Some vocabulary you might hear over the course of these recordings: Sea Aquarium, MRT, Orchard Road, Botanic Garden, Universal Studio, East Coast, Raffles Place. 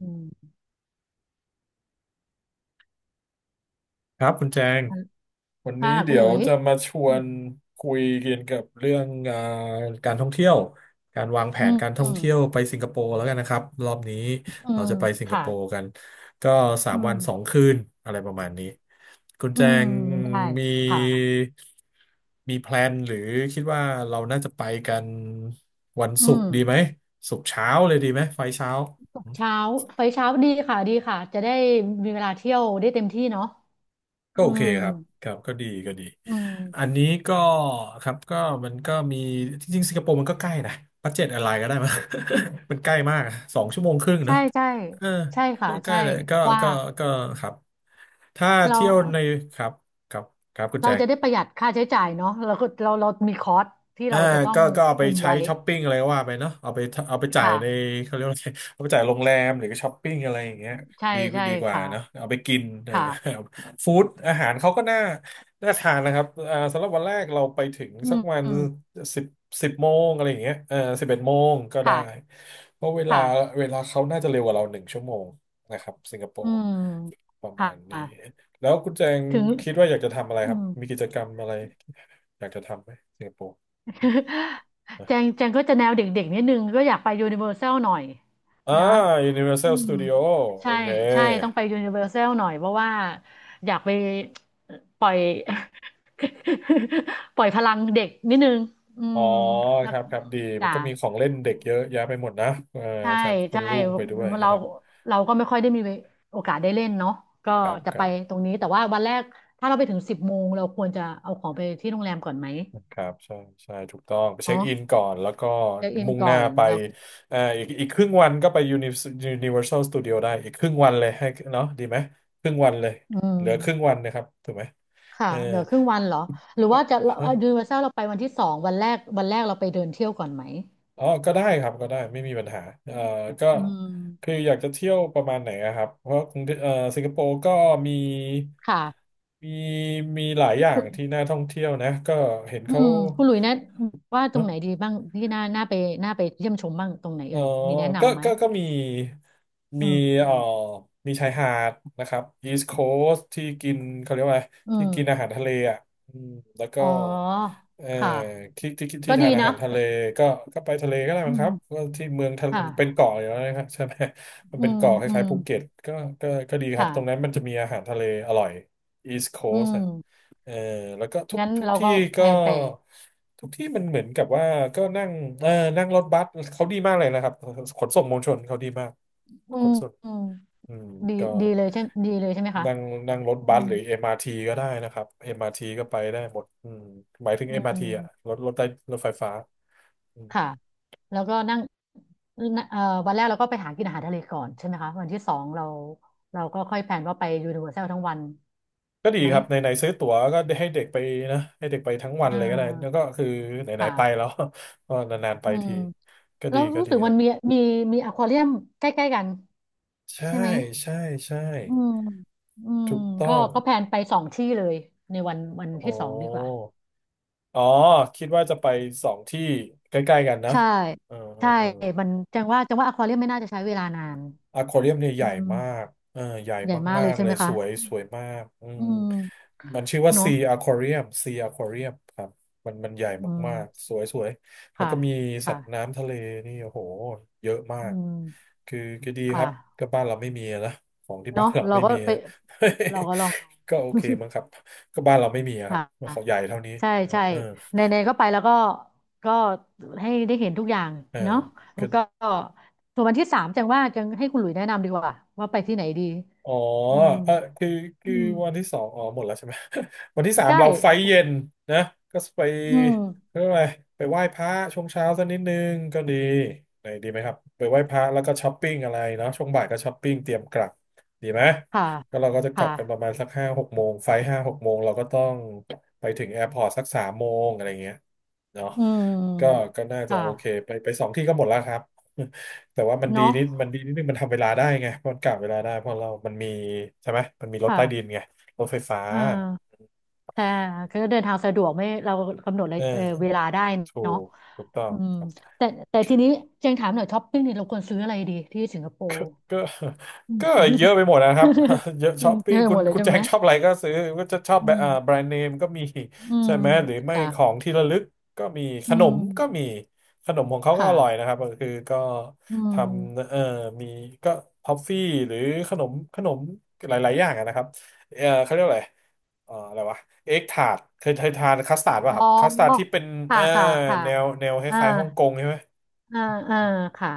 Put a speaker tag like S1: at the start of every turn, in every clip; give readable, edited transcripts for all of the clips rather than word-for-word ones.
S1: อืม
S2: ครับคุณแจง
S1: อัน
S2: วันนี้
S1: ค่ะคุ
S2: เดี๋
S1: ณห
S2: ย
S1: ลุ
S2: ว
S1: ย
S2: จะมาชว
S1: อืม
S2: นคุยเกี่ยวกับเรื่องการท่องเที่ยวการวางแผ
S1: อื
S2: น
S1: ม
S2: การท่
S1: อื
S2: อง
S1: ม
S2: เที่ยวไปสิงคโปร์แล้วกันนะครับรอบนี้
S1: อื
S2: เรา
S1: ม
S2: จะไปสิงค
S1: ค่ะ
S2: โปร์กันก็สา
S1: อื
S2: มวันสอง
S1: ม
S2: คืนอะไรประมาณนี้คุณ
S1: อื
S2: แจ
S1: ม
S2: ง
S1: ได้
S2: มี
S1: ค่ะ
S2: มีแพลนหรือคิดว่าเราน่าจะไปกันวัน
S1: อื
S2: ศุก
S1: ม
S2: ร์ดีไหมศุกร์เช้าเลยดีไหมไฟล์เช้า
S1: ตกเช้าไปเช้าดีค่ะดีค่ะจะได้มีเวลาเที่ยวได้เต็มที่เนาะ
S2: ก็
S1: อื
S2: โอเค
S1: ม
S2: ครับครับก็ดีก็ดี
S1: อืม
S2: อันนี้ก็ครับก็มันก็มีจริงๆสิงคโปร์มันก็ใกล้นะบัดเจ็ตอะไรก็ได้มา มันใกล้มากอะสองชั่วโมงครึ่งเนาะ
S1: ใช่ใช่
S2: เออ
S1: ใช่ค่ะ
S2: ก็ใกล้
S1: ใช่
S2: เลย
S1: เพราะว่า
S2: ก็ก็ครับถ้า
S1: เรา
S2: เที่ยวในครับครับครับคุณแจ
S1: เรา
S2: ง
S1: จะได้ประหยัดค่าใช้จ่ายเนาะเราก็เรามีคอร์สที่
S2: อ่า
S1: เราจะต้อง
S2: ก็เอาไป
S1: คุม
S2: ใช้
S1: ไว้
S2: ช้อปปิ้งอะไรก็ว่าไปเนาะเอาไปเอาไปจ่ายใน
S1: ค่ะ
S2: เขาเรียกว่าอะไร เอาไปจ่ายโรงแรมหรือก็ช้อปปิ้งอะไรอย่างเงี้ย
S1: ใช่
S2: ดี
S1: ใช่
S2: ดีกว่าเนาะ
S1: ค่ะ
S2: เอาไปกินเออ
S1: ค่ะ
S2: ฟู้ดอาหารเขาก็น่าน่าทานนะครับอ่าสำหรับวันแรกเราไปถึง
S1: อื
S2: สัก
S1: ม
S2: วัน
S1: อืม
S2: สิบสิบโมงอะไรอย่างเงี้ยเออสิบเอ็ดโมงก็ได้
S1: ค่ะ
S2: เพราะเวลา
S1: ค่ะ
S2: เขาน่าจะเร็วกว่าเราหนึ่งชั่วโมงนะครับสิงคโป
S1: อื
S2: ร์
S1: ม
S2: ประ
S1: ค่
S2: มาณนี้
S1: ะ
S2: แล้วคุณแจง
S1: ถึง
S2: คิดว่าอยากจะทำอะไร
S1: อื
S2: ครับ
S1: ม
S2: มีกิจกรรมอะไรอยากจะทำไหมสิงคโปร์ อ
S1: แจงแจงก็จะแนวเด็กๆนิดนึงก็อยากไปยูนิเวอร์แซลหน่อย
S2: ่า
S1: นะอื
S2: Universal
S1: ม
S2: Studio โอ
S1: ใช่
S2: เค
S1: ใช่ต้องไปยูนิเวอร์แซลหน่อยเพราะว่าอยากไปปล่อย ปล่อยพลังเด็กนิดนึงอื
S2: อ๋อ
S1: ม
S2: ค
S1: แล้ว
S2: รับครับดี มัน
S1: จ้ะ
S2: ก็มีของเล่นเด็กเยอะแยะไปหมดนะเออ
S1: ใช่
S2: ครับคุ
S1: ใช่
S2: ณลูกไปด้วยนะ
S1: เรา
S2: ครับ
S1: เราก็ไม่ค่อยได้มีโอกาสได้เล่นเนาะก็
S2: ครับ
S1: จะ
S2: ค
S1: ไป
S2: รับ
S1: ตรงนี้แต่ว่าวันแรกถ้าเราไปถึงสิบโมงเราควรจะเอาของไปที่โรงแรมก่อนไหม
S2: ครับ ใช่ใช่ถูกต้องไปเช็ค
S1: เนาะ
S2: อินก่อนแล้วก็
S1: เช็คอิน
S2: มุ่งห
S1: ก่อ
S2: น้า
S1: น
S2: ไป
S1: แล้ว
S2: อีกครึ่งวันก็ไป Universal Studio ได้อีกครึ่งวันเลยให้เนาะดีไหมครึ่งวันเลย
S1: อื
S2: เหลือครึ่ง
S1: ม
S2: วันนะครับถูกไหม
S1: ค่ะ
S2: เออ
S1: เหลือครึ่งวันเหรอหรือว่าจะยูนิเวอร์แซลเราไปวันที่สองวันแรกวันแรกเราไปเดินเที่ยวก่อนไหม
S2: อ๋อก็ได้ครับก็ได้ไม่มีปัญหาก็
S1: อื
S2: คือ
S1: ม
S2: อยากจะเที่ยวประมาณไหนอะครับ เพราะกรุงเทพสิงคโปร์ก็มี
S1: ค่ะ
S2: มี มีหลายอย่า
S1: คุ
S2: ง
S1: ณ
S2: ที่น่าท่องเที่ยวนะ ก็เห็น
S1: อื
S2: เขา
S1: มคุณหลุยแนะว่าตรงไหนดีบ้างที่น่าน่าไปน่าไปเยี่ยมชมบ้างตรงไหน
S2: เออ
S1: เอ่ยมีแนะ
S2: ก็
S1: นำไหม
S2: มี
S1: อื
S2: มีเอ่อ
S1: ม
S2: มีชายหาดนะครับ East Coast ที่กินเขาเรียกว่าอะไร
S1: อื
S2: ที่กินอา
S1: ม
S2: หารทะเลอ่ะอืมแล้วก็
S1: อ๋อ
S2: เอ่อ
S1: ค่ะ
S2: ที่
S1: ก็ดี
S2: ทานอา
S1: นะ
S2: หารทะเลก็ก็ไปทะเลก็ได้
S1: อื
S2: มั้งครับ
S1: ม
S2: ก็ที่เมืองทะเป็น
S1: ค่ะ
S2: เกาะอยู่แล้วนะครับใช่ไหมมัน
S1: อื
S2: เป็น
S1: ม
S2: เกาะค
S1: อื
S2: ล้าย
S1: ม
S2: ๆภูเก็ตก็ก็ก็ดีครับ ตรงนั้น
S1: ค่ะ
S2: มันจะมีอาหารทะเลอร่อย East
S1: อื
S2: Coast
S1: ม
S2: เออแล้วก็ทุก
S1: งั้น
S2: ทุก
S1: เรา
S2: ที่
S1: ก็แพ
S2: ก็
S1: ลนไป
S2: ทุกที่มันเหมือนกับว่าก็นั่งเออนั่งรถบัสเขาดีมากเลยนะครับขนส่งมวลชนเขาดีมาก
S1: อื
S2: ข
S1: ม
S2: นส่ง
S1: อืม
S2: อืม
S1: ดี
S2: ก็
S1: ดีเลยใช่ดีเลยใช่ไหมคะ
S2: นั่งนั่งรถ
S1: อื
S2: บั
S1: ม
S2: สหรือ MRT ก็ได้นะครับ MRT ก็ไปได้หมดอืมหมายถึง
S1: อื
S2: MRT อมอาร์ที
S1: ม
S2: อ่ะรถใต้รถไฟฟ้าอืม
S1: ค่ะ แล้วก็นั่งเอ่อวันแรกเราก็ไปหากินอาหารทะเลก่อนใช่ไหมคะ วันที่สองเราเราก็ค่อยแพลนว่าไปยูนิเวอร์แซลทั้งวัน
S2: ก็ดี
S1: ไหม
S2: ครับไหนๆซื้อตั๋วก็ให้เด็กไปนะให้เด็กไปทั้งวั
S1: เอ
S2: นเลยก็ได้แล้ว
S1: อ
S2: ก็คือไหนๆไป
S1: ค่ะ
S2: แล้ว ก็นานๆไป
S1: อืม
S2: ทีก็
S1: แล้
S2: ดี
S1: ว
S2: ก็
S1: รู้
S2: ดี
S1: สึก
S2: ค
S1: มั
S2: รั
S1: นมี
S2: บ
S1: มีมีอควาเรียมใกล้ๆกัน
S2: ใช่
S1: ใช่ไหม
S2: ใช่ใช่
S1: อืมอืม
S2: ถูกต้อ
S1: ก็
S2: ง
S1: ก็แพลนไปสองที่เลยในวันวัน
S2: อ๋อ
S1: ที่สองดีกว่า
S2: อ๋อคิดว่าจะไปสองที่ใกล้ๆกันนะ
S1: ใช่
S2: เออเออ
S1: ใช่
S2: เออ
S1: มันจังว่าจังว่าอควาเรียมไม่น่าจะใช้เวลานาน
S2: อควาเรียมเนี่ยให
S1: อื
S2: ญ่
S1: ม
S2: มากเออใหญ่
S1: ใหญ่มาก
S2: มา
S1: เลย
S2: กๆ
S1: ใช่
S2: เล
S1: ไห
S2: ย
S1: ม
S2: ส
S1: คะ
S2: วยสวยมากอืม
S1: อืม
S2: มันชื่อว่า
S1: เนอะ
S2: ซีอคว u เรียมซีอควาเรียมครับมันใหญ่
S1: อื
S2: มากๆ
S1: ม
S2: สวยสวยแล้ว
S1: ค่ะ
S2: ก็มีสัตว์
S1: ค่ะ
S2: น้ำทะเลนี่โอ้โหเยอะมา
S1: อื
S2: ก
S1: ม
S2: คือก็ดีครับ
S1: ค่ะ
S2: ก็บ้านเราไม่มีอะนะของที่บ้า
S1: เนาะ
S2: นเรา
S1: เรา
S2: ไม่
S1: ก็
S2: มี
S1: ไป เราก็ลอง
S2: ก็โอ
S1: ดู
S2: เคมั้งครับก็บ้านเราไม่มีอะ ครั
S1: ค่
S2: บ
S1: ะ
S2: เขาใหญ่เท่านี้
S1: ใช่ใช่
S2: เออ
S1: ในในก็ไปแล้วก็ก็ให้ได้เห็นทุกอย่าง
S2: เออ
S1: เนาะแล้
S2: ก็
S1: วก็ส่วนวันที่สามจังว่าจังให้คุณหลุยแนะนำดีกว่าว่าไปที่ไหนดี
S2: อ๋อ
S1: อืม
S2: เออคือ
S1: อื
S2: คือ
S1: ม
S2: วันที่สองอ๋อหมดแล้วใช่ไหม วันที่สาม
S1: ใช่
S2: เราไฟเย็นนะก็ไป
S1: อืม
S2: เรื่องอะไรไปไหว้พระช่วงเช้าสักนิดนึงก็ดีไหนดีไหมครับไปไหว้พระแล้วก็ช้อปปิ้งอะไรเนาะช่วงบ่ายก็ช้อปปิ้งเตรียมกลับดีไหม
S1: ค่ะ
S2: ก็เราก็จะกลั
S1: ค่ะ
S2: บกันประมาณสักห้าหกโมงไฟห้าหกโมงเราก็ต้องไปถึงแอร์พอร์ตสักสามโมงอะไรเงี้ยเนาะ
S1: อื
S2: ก็
S1: ม
S2: ก็น่า
S1: ค
S2: จะโอเค
S1: ่ะ
S2: ไปไปสองที่ก็หมดแล้วครับ แต่ว่า
S1: เนาะ
S2: มันดีนิดนึงมันทำเวลาได้ไง เพราะมันกะเวลาได้เพราะเรามันมีใช่ไหม มันมีรถ
S1: ค่ะ
S2: ใต้ดินไงรถไฟฟ้า
S1: อ่า ใช่ก็เดินทางสะดวกไม่เรากำหนดเล
S2: เ
S1: ยเออเว
S2: ออ
S1: ลาได้
S2: ถู
S1: เนาะ
S2: กถูกต้อง
S1: อืม
S2: ครับ
S1: แต่
S2: โอ
S1: แต่
S2: เค
S1: ทีนี้เจงถามหน่อยช้อปปิ้งนี่เราควรซื้ออะไรดีที่สิงคโป
S2: ก็
S1: ร์
S2: ก็
S1: อืม
S2: ก็
S1: อ
S2: เยอะไปหมดนะค
S1: ืม
S2: รับ เยอะช้อป
S1: เธ
S2: ปิ้ง
S1: อ
S2: คุ
S1: หม
S2: ณ
S1: ดเลยใช่
S2: แจ
S1: ไหม
S2: งชอบอะไรก็ซื้อก็จะชอบ
S1: อื
S2: แบ
S1: ม
S2: รนด์เนมก็มี
S1: อื
S2: ใช่
S1: ม
S2: ไหมหรือไม่ขอ
S1: ค่ะ
S2: งที่ระลึกก็มีข
S1: อื
S2: นมก็มี
S1: ม
S2: ขนมของเขาก็
S1: ค่ะ
S2: อร่อยนะครับก็คือก็
S1: อื
S2: ทำ
S1: ม
S2: มีก็ทอฟฟี่หรือขนมหลายๆอย่างอะนะครับเขาเรียกอะไรอะไรวะเอ็กทาร์ตเคยทานคัสตาร์ดป่ะ
S1: อ๋
S2: ครั
S1: อ
S2: บคัสตาร์ดที่เป็น
S1: ค่ะ
S2: เอ่อ
S1: ค่ะค่ะ
S2: แนวค
S1: อ่า
S2: ล้ายๆฮ่องกงใช่ไหม
S1: อ่าอ่าค่ะ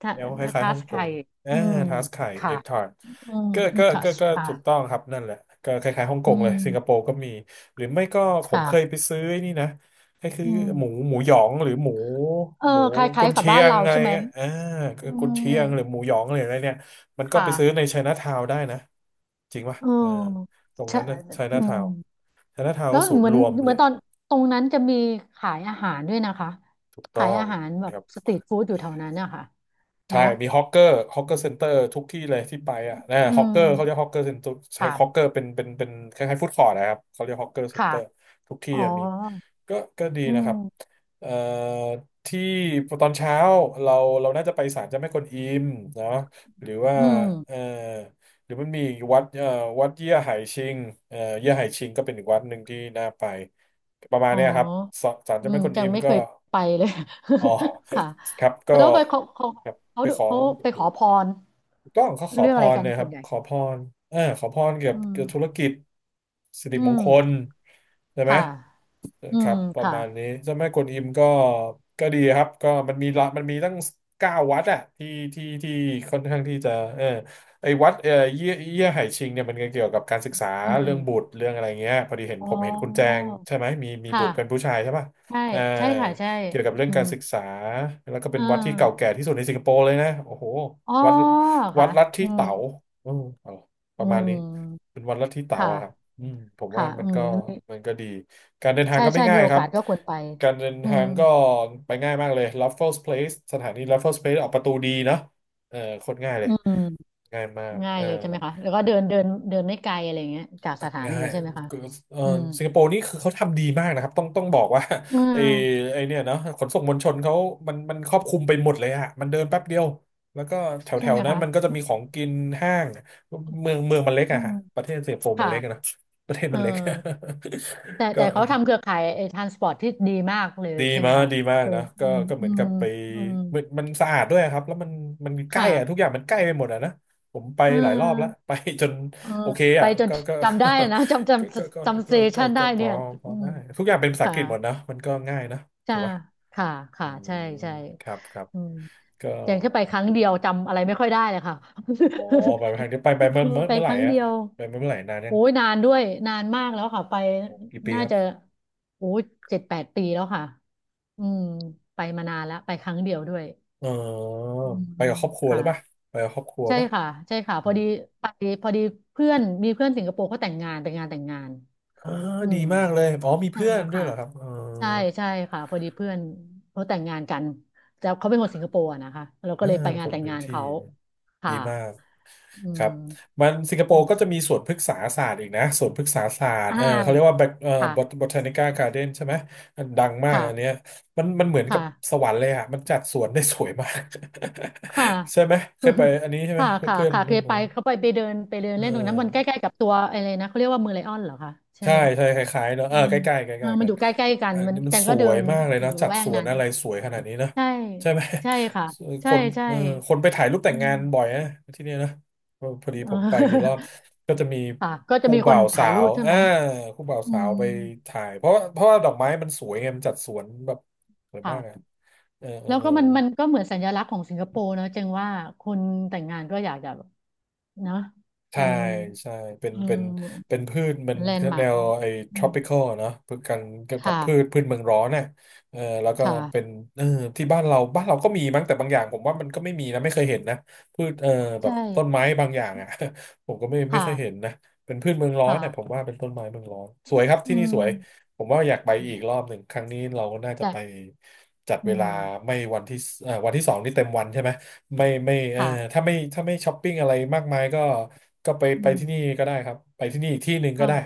S1: ทั
S2: แนวคล้าย
S1: ทั
S2: ๆฮ่อ
S1: ส
S2: งก
S1: ไท
S2: ง
S1: ย
S2: อ่า
S1: อืม
S2: ทาสไข่เอ็
S1: ค่ะ
S2: กทาร์
S1: อืมอีทัส
S2: ก็
S1: ค่ะ
S2: ถูกต้องครับนั่นแหละก็คล้ายๆฮ่องก
S1: อื
S2: งเลยสิงคโป
S1: ม
S2: ร์ก็มีหรือไม่ก็ผม
S1: ค่ะ
S2: เคยไปซื้อไอ้นี่นะก็คือ
S1: อื
S2: หมู
S1: ม
S2: หยองหรือ
S1: เออ
S2: หมู
S1: คล้า
S2: กุ
S1: ย
S2: น
S1: ๆกับ
S2: เชี
S1: บ้า
S2: ย
S1: น
S2: ง
S1: เรา
S2: อะไร
S1: ใช่ไหม
S2: เงี้ยอ่า
S1: อื
S2: กุนเชี
S1: ม
S2: ยงหรือหมูหยองหรืออะไรเนี่ยมันก็ไป
S1: ค่ะ
S2: ซื้อในไชน่าทาวน์ได้นะจริงป่ะ
S1: เอ
S2: อ่า
S1: อ
S2: ตรง
S1: ใช่
S2: นั้นนะไช
S1: อื
S2: น่าทา
S1: ม
S2: วน์ไชน่าทาวน์
S1: แล้ว
S2: ก็ศูน
S1: เห
S2: ย์
S1: มือน
S2: รวม
S1: เห
S2: เล
S1: มือน
S2: ย
S1: ตอนตรงนั้นจะมีขายอาหารด้วยนะคะ
S2: ถูกต้
S1: ขา
S2: อ
S1: ย
S2: ง
S1: อาหารแบบสตรีทฟู้ดอยู่แถวนั้นนะคะ
S2: ใช่
S1: เนาะ
S2: มีฮอกเกอร์ฮอกเกอร์เซ็นเตอร์ทุกที่เลยที่ไปอ่ะนะ
S1: อื
S2: ฮอกเกอร์เขาเรียก
S1: ม
S2: ฮอกเกอร์เซ็นเตอร์ใช้ฮอกเก
S1: ค่ะ
S2: อร์เป็นคล้ายๆฟู้ดคอร์ทนะครับเขาเรียกฮอกเกอร์เซ็น
S1: ค่ะ
S2: เตอร์ทุกที่
S1: อ๋อ
S2: อะมีก็ดี
S1: อื
S2: นะครั
S1: ม
S2: บเอ่อที่ตอนเช้าเราน่าจะไปศาลเจ้าแม่กวนอิมเนาะหรือว่า
S1: อืม
S2: เอ่อหรือมันมีอีกวัดวัดเยี่ยไห่ชิงเยี่ยไห่ชิงก็เป็นอีกวัดหนึ่งที่น่าไปประมาณ
S1: อ๋อ
S2: เนี้ยครับศาล
S1: อื
S2: เจ้าแม่
S1: ม
S2: กวน
S1: ยั
S2: อิ
S1: ง
S2: ม
S1: ไม่
S2: ก็
S1: เคยไปเลย
S2: อ๋อ
S1: ค่ะ
S2: ครับก็
S1: แล้วไปเขาเขา
S2: ครับ
S1: เขา
S2: ไปขอ
S1: เขา
S2: เก็
S1: ไป
S2: บ
S1: ข
S2: ดู
S1: อพร
S2: กต้องเขาขอ
S1: เรื่อ
S2: พ
S1: งอะไร
S2: ร
S1: กัน
S2: เลยค
S1: ส่
S2: รั
S1: ว
S2: บ
S1: นใหญ่
S2: ขอพรเออขอพรเกี่ยว
S1: อื
S2: กับธุร
S1: ม
S2: กิจสิริ
S1: อื
S2: มงคล
S1: ม
S2: ใช่ไหม
S1: ค่ะ
S2: นะ
S1: อื
S2: ครั
S1: ม
S2: บประ
S1: ค่ะ
S2: มาณนี้เจ้าแม่กวนอิมก็ก็ดีครับก็มันมีละมันมีตั้งเก้าวัดอะที่ที่ที่ค่อนข้างที่จะเออไอ้วัดเออเยี่ยไห่ชิงเนี่ยมันก็เกี่ยวกับการศึกษา
S1: อื
S2: เรื่องบุ
S1: ม
S2: ตรเรื่องอะไรเงี้ยพอดีเห็น
S1: อ๋
S2: ผมเห็นคุณแจ
S1: อ
S2: งใช่ไหมมีบุ
S1: ค่ะ
S2: ตรเป็นผู้ชายใช่ป่ะ
S1: ใช่
S2: เออ
S1: ใช่ค่ะใช่
S2: เกี่ยวกับเรื่อง
S1: อื
S2: กา
S1: ม
S2: รศึกษาแล้วก็เป็
S1: อ่
S2: นวัดที่เก่าแก่
S1: า
S2: ที่สุดในสิงคโปร์เลยนะโอ้โห
S1: อ๋อ
S2: วัดวัด
S1: ค่ะ
S2: ลัทธิ
S1: อืม
S2: เต๋าอืมเอาป
S1: อื
S2: ระมาณนี้
S1: ม
S2: เป็นวัดลัทธิ
S1: ค
S2: เต๋าอะครับ
S1: ่ะ
S2: อืมผมว่า
S1: ค่ะ
S2: มั
S1: อื
S2: นก็
S1: ม
S2: มันก็ดี การเดินทาง
S1: ใช่
S2: ก็ไม่
S1: ใช่
S2: ง่า
S1: มี
S2: ย
S1: โอ
S2: ครั
S1: กา
S2: บ
S1: สก็ควรไป
S2: การเดิน
S1: อื
S2: ทา
S1: ม
S2: งก็ไปง่ายมากเลย Raffles Place สถานี Raffles Place ออกประตูดีเนาะเออโคตรง่ายเลย
S1: อืม
S2: ง่ายมาก
S1: ง่า
S2: เอ
S1: ย
S2: อ
S1: เลยใช่ไหมคะแล้วก็เดินเดินเดินไม่ไกลอะไรอย่างเงี้ยจากสถา
S2: ง่า
S1: นี
S2: ย
S1: ใช่ไหมคะ
S2: เออ
S1: อืม
S2: สิงคโปร์นี่คือเขาทำดีมากนะครับต้องบอกว่า
S1: อ่
S2: ไอ้
S1: า
S2: เนี่ยเนาะขนส่งมวลชนเขามันครอบคลุมไปหมดเลยอะมันเดินแป๊บเดียวแล้วก็แถวแถ
S1: ใช่
S2: ว
S1: ไหม
S2: นั้น
S1: คะ
S2: มันก็จะมีของกินห้างเมืองมันเล็ก
S1: อื
S2: อะ
S1: ม
S2: ฮะประเทศสิงคโปร์มันเล็กอะนะ
S1: ค่ะ
S2: ประเทศ
S1: เอ
S2: มั
S1: อ
S2: นเล็ก
S1: แต่
S2: ก็
S1: แต่เขาทำเครือข่ายไอ้ทรานสปอร์ตที่ดีมากเลย
S2: ดี
S1: ใช่ไหม
S2: มาก
S1: คะเออ
S2: นะ
S1: อื
S2: ก็
S1: ม
S2: ก็เห
S1: อื
S2: มือน
S1: ม
S2: กับไป
S1: อืม
S2: มันสะอาดด้วยครับแล้วมันมันใกล้อะทุก
S1: ค่ะ
S2: อย่างมันใกล้ไปหมดอะนะผมไป
S1: เ
S2: หลายรอบแล้ว
S1: ออ
S2: ไปจน
S1: เออ
S2: โอเค
S1: ไป
S2: อะ
S1: จนจำได้นะจำจ
S2: ก็ก็ก็
S1: ำจำเซชันได้
S2: ก็พ
S1: เนี่
S2: อ
S1: ยอืม
S2: ได้ทุกอย่างเป็นภาษาอั
S1: ค่ะ
S2: งกฤษหมดนะมันก็ง่ายนะ
S1: ใช่
S2: ถูกป่ะ
S1: ค่ะ
S2: อื
S1: ค่ะ
S2: ม
S1: ใช่ใช่
S2: ครับ
S1: อืม
S2: ก็
S1: แต่แค่ไปครั้งเดียวจำอะไรไม่ค่อยได้เลยค่ะ
S2: อ๋อไปทางนี้ไปไป
S1: อืมไป
S2: เมื่อ
S1: ค
S2: ไหร่
S1: รั้ง
S2: อะ
S1: เดียว
S2: ไปเมื่อไหร่นานยั
S1: โอ้
S2: ง
S1: ยนานด้วยนานมากแล้วค่ะไป
S2: กี่ปี
S1: น่า
S2: ครั
S1: จะ
S2: บ
S1: โอ้ยเจ็ดแปดปีแล้วค่ะอืมไปมานานแล้วไปครั้งเดียวด้วย
S2: เออ
S1: อื
S2: ไปกับ
S1: ม
S2: ครอบครัวหรื
S1: ค่ะ
S2: อป่ะไปกับครอบครัว
S1: ใช่
S2: ป่ะ
S1: ค่ะใช่ค่ะพ
S2: อื
S1: อ
S2: ม
S1: ดีไปพอดีเพื่อนมีเพื่อนสิงคโปร์เขาแต่งงานไปนงานแต่งงาน
S2: อ่า
S1: อื
S2: ดี
S1: ม
S2: มากเลยอ๋อมี
S1: อ่า
S2: เพื่อนด้วย
S1: ค่ะ
S2: เหรอครับเออ
S1: ใช่ใช่ค่ะพอดีเพื่อนเขาแต่งงานกันแต่เขาเป็นคนสิงคโปร์อะนะคะเราก็
S2: อ่า
S1: เลยไป
S2: ค
S1: งาน
S2: น
S1: แต่ง
S2: พื้น
S1: งาน
S2: ที่
S1: เขา
S2: ดี
S1: ค่ะ
S2: มาก
S1: อื
S2: ครั
S1: ม
S2: บมันสิงคโป
S1: อื
S2: ร์
S1: ม
S2: ก็จะมีสวนพฤกษาศาสตร์อีกนะสวนพฤกษาศาสตร์
S1: อ่า
S2: เออเขาเรียกว่า bot-
S1: ค่ะ
S2: บอทานิก้าการ์เด้นใช่ไหมมันดังมากอันเนี้
S1: ค่ะ
S2: ยมันเหมือนกับ
S1: ค่ะ
S2: สวรรค์เลยอะมันจัดสวนได้สวยมาก
S1: ค่ะ
S2: ใช่ไหมเคยไป อันนี้ใช่ไหม
S1: ค่ะค่ะ
S2: เพื่อน
S1: ค่ะเคยไปเขาไปไปเดินไปเดิน
S2: เอ
S1: เล่นตรงนั้น
S2: อ
S1: มันใกล้ๆกับตัวอะไรนะเขาเรียกว่าเมืองไลออนเหรอคะใช่
S2: ใช่
S1: ไหม
S2: ใช่คล้ายๆเนอะ
S1: อื
S2: เออ
S1: ม
S2: ใกล้ๆใก
S1: เออ
S2: ล้ๆ
S1: มัน
S2: กั
S1: อ
S2: น
S1: ยู่ใกล้ๆกัน
S2: อัน
S1: มัน
S2: นี้มั
S1: แจ
S2: น
S1: ง
S2: ส
S1: ก็เดิ
S2: วย
S1: น
S2: มากเลย
S1: อ
S2: นะ
S1: ยู่
S2: จั
S1: ละ
S2: ด
S1: แว
S2: ส
S1: ก
S2: วน
S1: นั้น
S2: อะไรสวยขนาดนี้นะ
S1: ใช่
S2: ใช่ไหม
S1: ใช่ค่ะ
S2: ค
S1: ใช่
S2: น
S1: ใช่
S2: เออคนไปถ่ายรูปแต่
S1: อื
S2: งงา
S1: ม
S2: นบ่อยนะที่เนี่ยนะเออพอดี
S1: เออ
S2: ผมไปกี่รอบก็จะมี
S1: ค่ะก็จะ
S2: คู่
S1: มีค
S2: บ่า
S1: น
S2: วสา
S1: ถ่ายรู
S2: ว
S1: ปใช่
S2: อ่า
S1: ไหม
S2: คู่บ่าว
S1: อื
S2: สาว
S1: ม
S2: ไปถ่ายเพราะว่าดอกไม้มันสวยไงมันจัดสวนแบบสวยมากอ่ะ
S1: ค่ะแล้ว
S2: เออ
S1: ก็มันมันก็เหมือนสัญลักษณ์ของสิงคโปร์เนอะจจงว่าคนแต่งงานก็อยากจะแบบเนอะ
S2: ใช่
S1: มัน
S2: ใช่เป็น
S1: อืม
S2: พืชมัน
S1: มันแลนด์มา
S2: แน
S1: ร์ก
S2: ว
S1: ของ
S2: ไอ้
S1: อืม
S2: tropical อะเนาะพืชกันแบบ
S1: ค่ะ
S2: พืชเมืองร้อนน่ะเออแล้วก็
S1: ค่ะ
S2: เป็นเออที่บ้านเราก็มีมั้งแต่บางอย่างผมว่ามันก็ไม่มีนะไม่เคยเห็นนะพืชเออแบ
S1: ใช่
S2: บต้นไม้บางอย่างอ่ะ ผมก็ไม่
S1: ค่ะ
S2: เคยเห็นนะเป็นพืชเมืองร้อน
S1: ค่ะ
S2: น่ะผมว่าเป็นต้นไม้เมืองร้อนสวยครับ
S1: อื
S2: ที่นี่สวย
S1: ม
S2: ผมว่าอยากไปอีกรอบหนึ่งครั้งนี้เราน่าจะ
S1: แต่
S2: ไปจัด
S1: อื
S2: เว
S1: ม
S2: ลาไม่วันที่สเอ่อวันที่สองนี่เต็มวันใช่ไหม ไม่ไม่เออ
S1: ค่ะ
S2: ถ้าไม่ถ้าไม่ช้อปปิ้งอะไรมากมายก็ก็ไป
S1: อื
S2: ไป
S1: ม
S2: ที่นี่ก็ได้ครับไปที่นี่อีกที่หนึ่งก็
S1: ก็
S2: ได้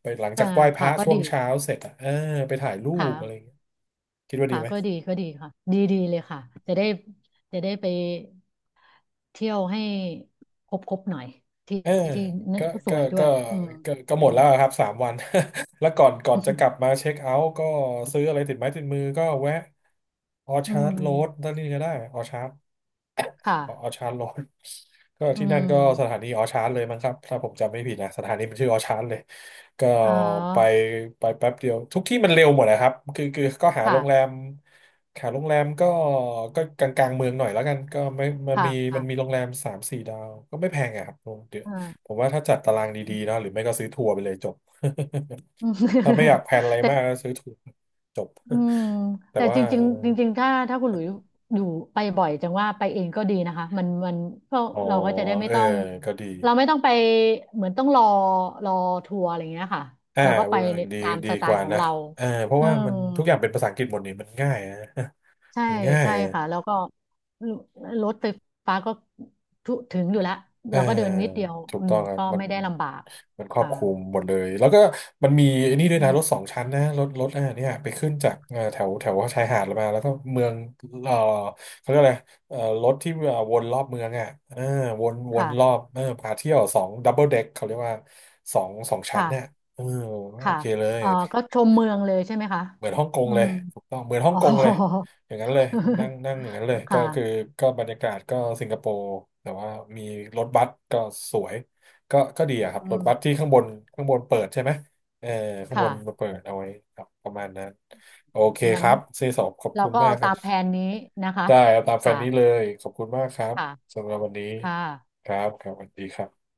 S2: ไปหลังจา
S1: อ่า
S2: กไหว้พ
S1: ค่ะ
S2: ระ
S1: ก็
S2: ช่ว
S1: ดี
S2: งเช้าเสร็จอ่ะเออไปถ่ายรู
S1: ค่ะ
S2: ปอะไรอย่างเงี้ยคิดว่าดี
S1: ค่ะ
S2: ไหม
S1: ก็ดีก็ดีค่ะ ดีดีเลยค่ะจะได้จะได้ไปเที่ยวให้ครบครบหน่อยที่
S2: เออ
S1: ที่นั่น
S2: ก็
S1: ก็ส
S2: ก็
S1: วยด้ว
S2: ก็
S1: ยอืม
S2: ก็ก็ห
S1: อื
S2: มด
S1: ม
S2: แล้วครับสามวัน แล้วก่อนจะกลั บมาเช็คเอาท์ก็ซื้ออะไรติดไม้ติดมือก็แวะออ
S1: อื
S2: ชาร์ดโรด
S1: ม
S2: นั่นนี่ก็ได้ออชาร์ด
S1: ค่ะ
S2: อ๋อออชาร์จอน ก็
S1: อื
S2: ที่นั่น
S1: ม
S2: ก็สถานีออชาร์เลยมั้งครับถ้าผมจำไม่ผิดนะสถานีมันชื่อออชาร์เลยก็
S1: อ๋อ
S2: ไปไปแป๊บเดียวทุกที่มันเร็วหมดนะครับคือก็หาโร
S1: ค่ะ
S2: งแรมหาโรงแรมก็ก็กลางเมืองหน่อยแล้วกันก็ไม่มัน
S1: ค่ะ
S2: มี
S1: อ
S2: มันมีโรงแรมสามสี่ดาวก็ไม่แพงอะครับโรงเดียว
S1: ่า
S2: ผมว่าถ้าจัดตาราง
S1: อื
S2: ดีๆนะ
S1: ม
S2: หรือไม่ก็ซื้อทัวร์ไปเลยจบ ถ้าไม่อยาก แพลนอะไร
S1: แต่
S2: มากก็ซื้อทัวร์จบ
S1: อืม
S2: แต่
S1: แต่
S2: ว่า
S1: จริงๆจริงๆถ้าถ้าคุณหลุยอยู่ไปบ่อยจังว่าไปเองก็ดีนะคะมันมันก็
S2: อ๋อ
S1: เราก็จะได้ไม่
S2: เออ
S1: ต้อง
S2: ก็ดี
S1: เราไม่ต้องไปเหมือนต้องรอรอทัวร์อะไรอย่างเงี้ยค่ะ
S2: อ่า
S1: เราก็ไป
S2: เวิร์ก
S1: ใน
S2: ดี
S1: ตาม
S2: ดี
S1: สไต
S2: ก
S1: ล์
S2: ว่า
S1: ของ
S2: นะ
S1: เรา
S2: เออเพราะ
S1: เออ
S2: ว่ามันทุกอย่างเป็นภาษาอังกฤษหมดนี่มันง่ายนะ
S1: ใช่
S2: มันง่าย
S1: ใช่ค่ะแล้วก็รถไฟฟ้าก็ทุถึงอยู่แล้ว
S2: เออ
S1: เราก็เดินนิดเดียว
S2: ถูก
S1: อื
S2: ต้
S1: ม
S2: องครับ
S1: ก็
S2: มัน
S1: ไม่ได้ลำบาก
S2: มันครอบ
S1: ค่ะ
S2: คลุมหมดเลยแล้วก็มันมีไอ้นี่ด้วย
S1: อื
S2: นะรถ
S1: ม
S2: สองชั้นนะรถอ่าเนี่ยไปขึ้นจากแถวแถวชายหาดมาแล้วก็เมืองเออเขาเรียกอะไรรถที่วนรอบเมืองอ่ะเออวนรอ
S1: ค่ะ
S2: บเออพาเที่ยวสองดับเบิลเด็กเขาเรียกว่าสองชั้น
S1: ค่ะ
S2: เนี่ยเออโอ
S1: ค่ะ
S2: เคเลย
S1: เอ่อก็ชมเมืองเลยใช่ไหมคะ
S2: เหมือนฮ่องกง
S1: อื
S2: เล
S1: ม
S2: ยถูกต้องเหมือนฮ่อ
S1: อ๋
S2: ง
S1: อ
S2: กงเลยอย่างนั้นเลยนั่งนั่งอย่างนั้นเลย
S1: ค
S2: ก็คือ
S1: ่ะ
S2: ก็บรรยากาศก็สิงคโปร์แต่ว่ามีรถบัสก็สวยก็ก็ดีอะครั
S1: อื
S2: บรถบัสที่
S1: ม
S2: ข้างบนข้างบนเปิดใช่ไหมเออข้างบ
S1: ค่ะ
S2: นมาเปิดเอาไว้ครับประมาณนั้นโอเค
S1: งั้
S2: ค
S1: น
S2: รับเซสอบขอบ
S1: เรา
S2: คุณ
S1: ก็
S2: มา
S1: เอา
S2: กครั
S1: ตา
S2: บ
S1: มแผนนี้นะคะ
S2: ได้เอาตามแฟ
S1: ค่ะ
S2: นนี้เลยขอบคุณมากครับ
S1: ค่ะ
S2: สำหรับวันนี้
S1: ค่ะ
S2: ครับครับสวัสดีครับ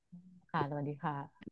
S1: ค่ะสวัสดีค่ะ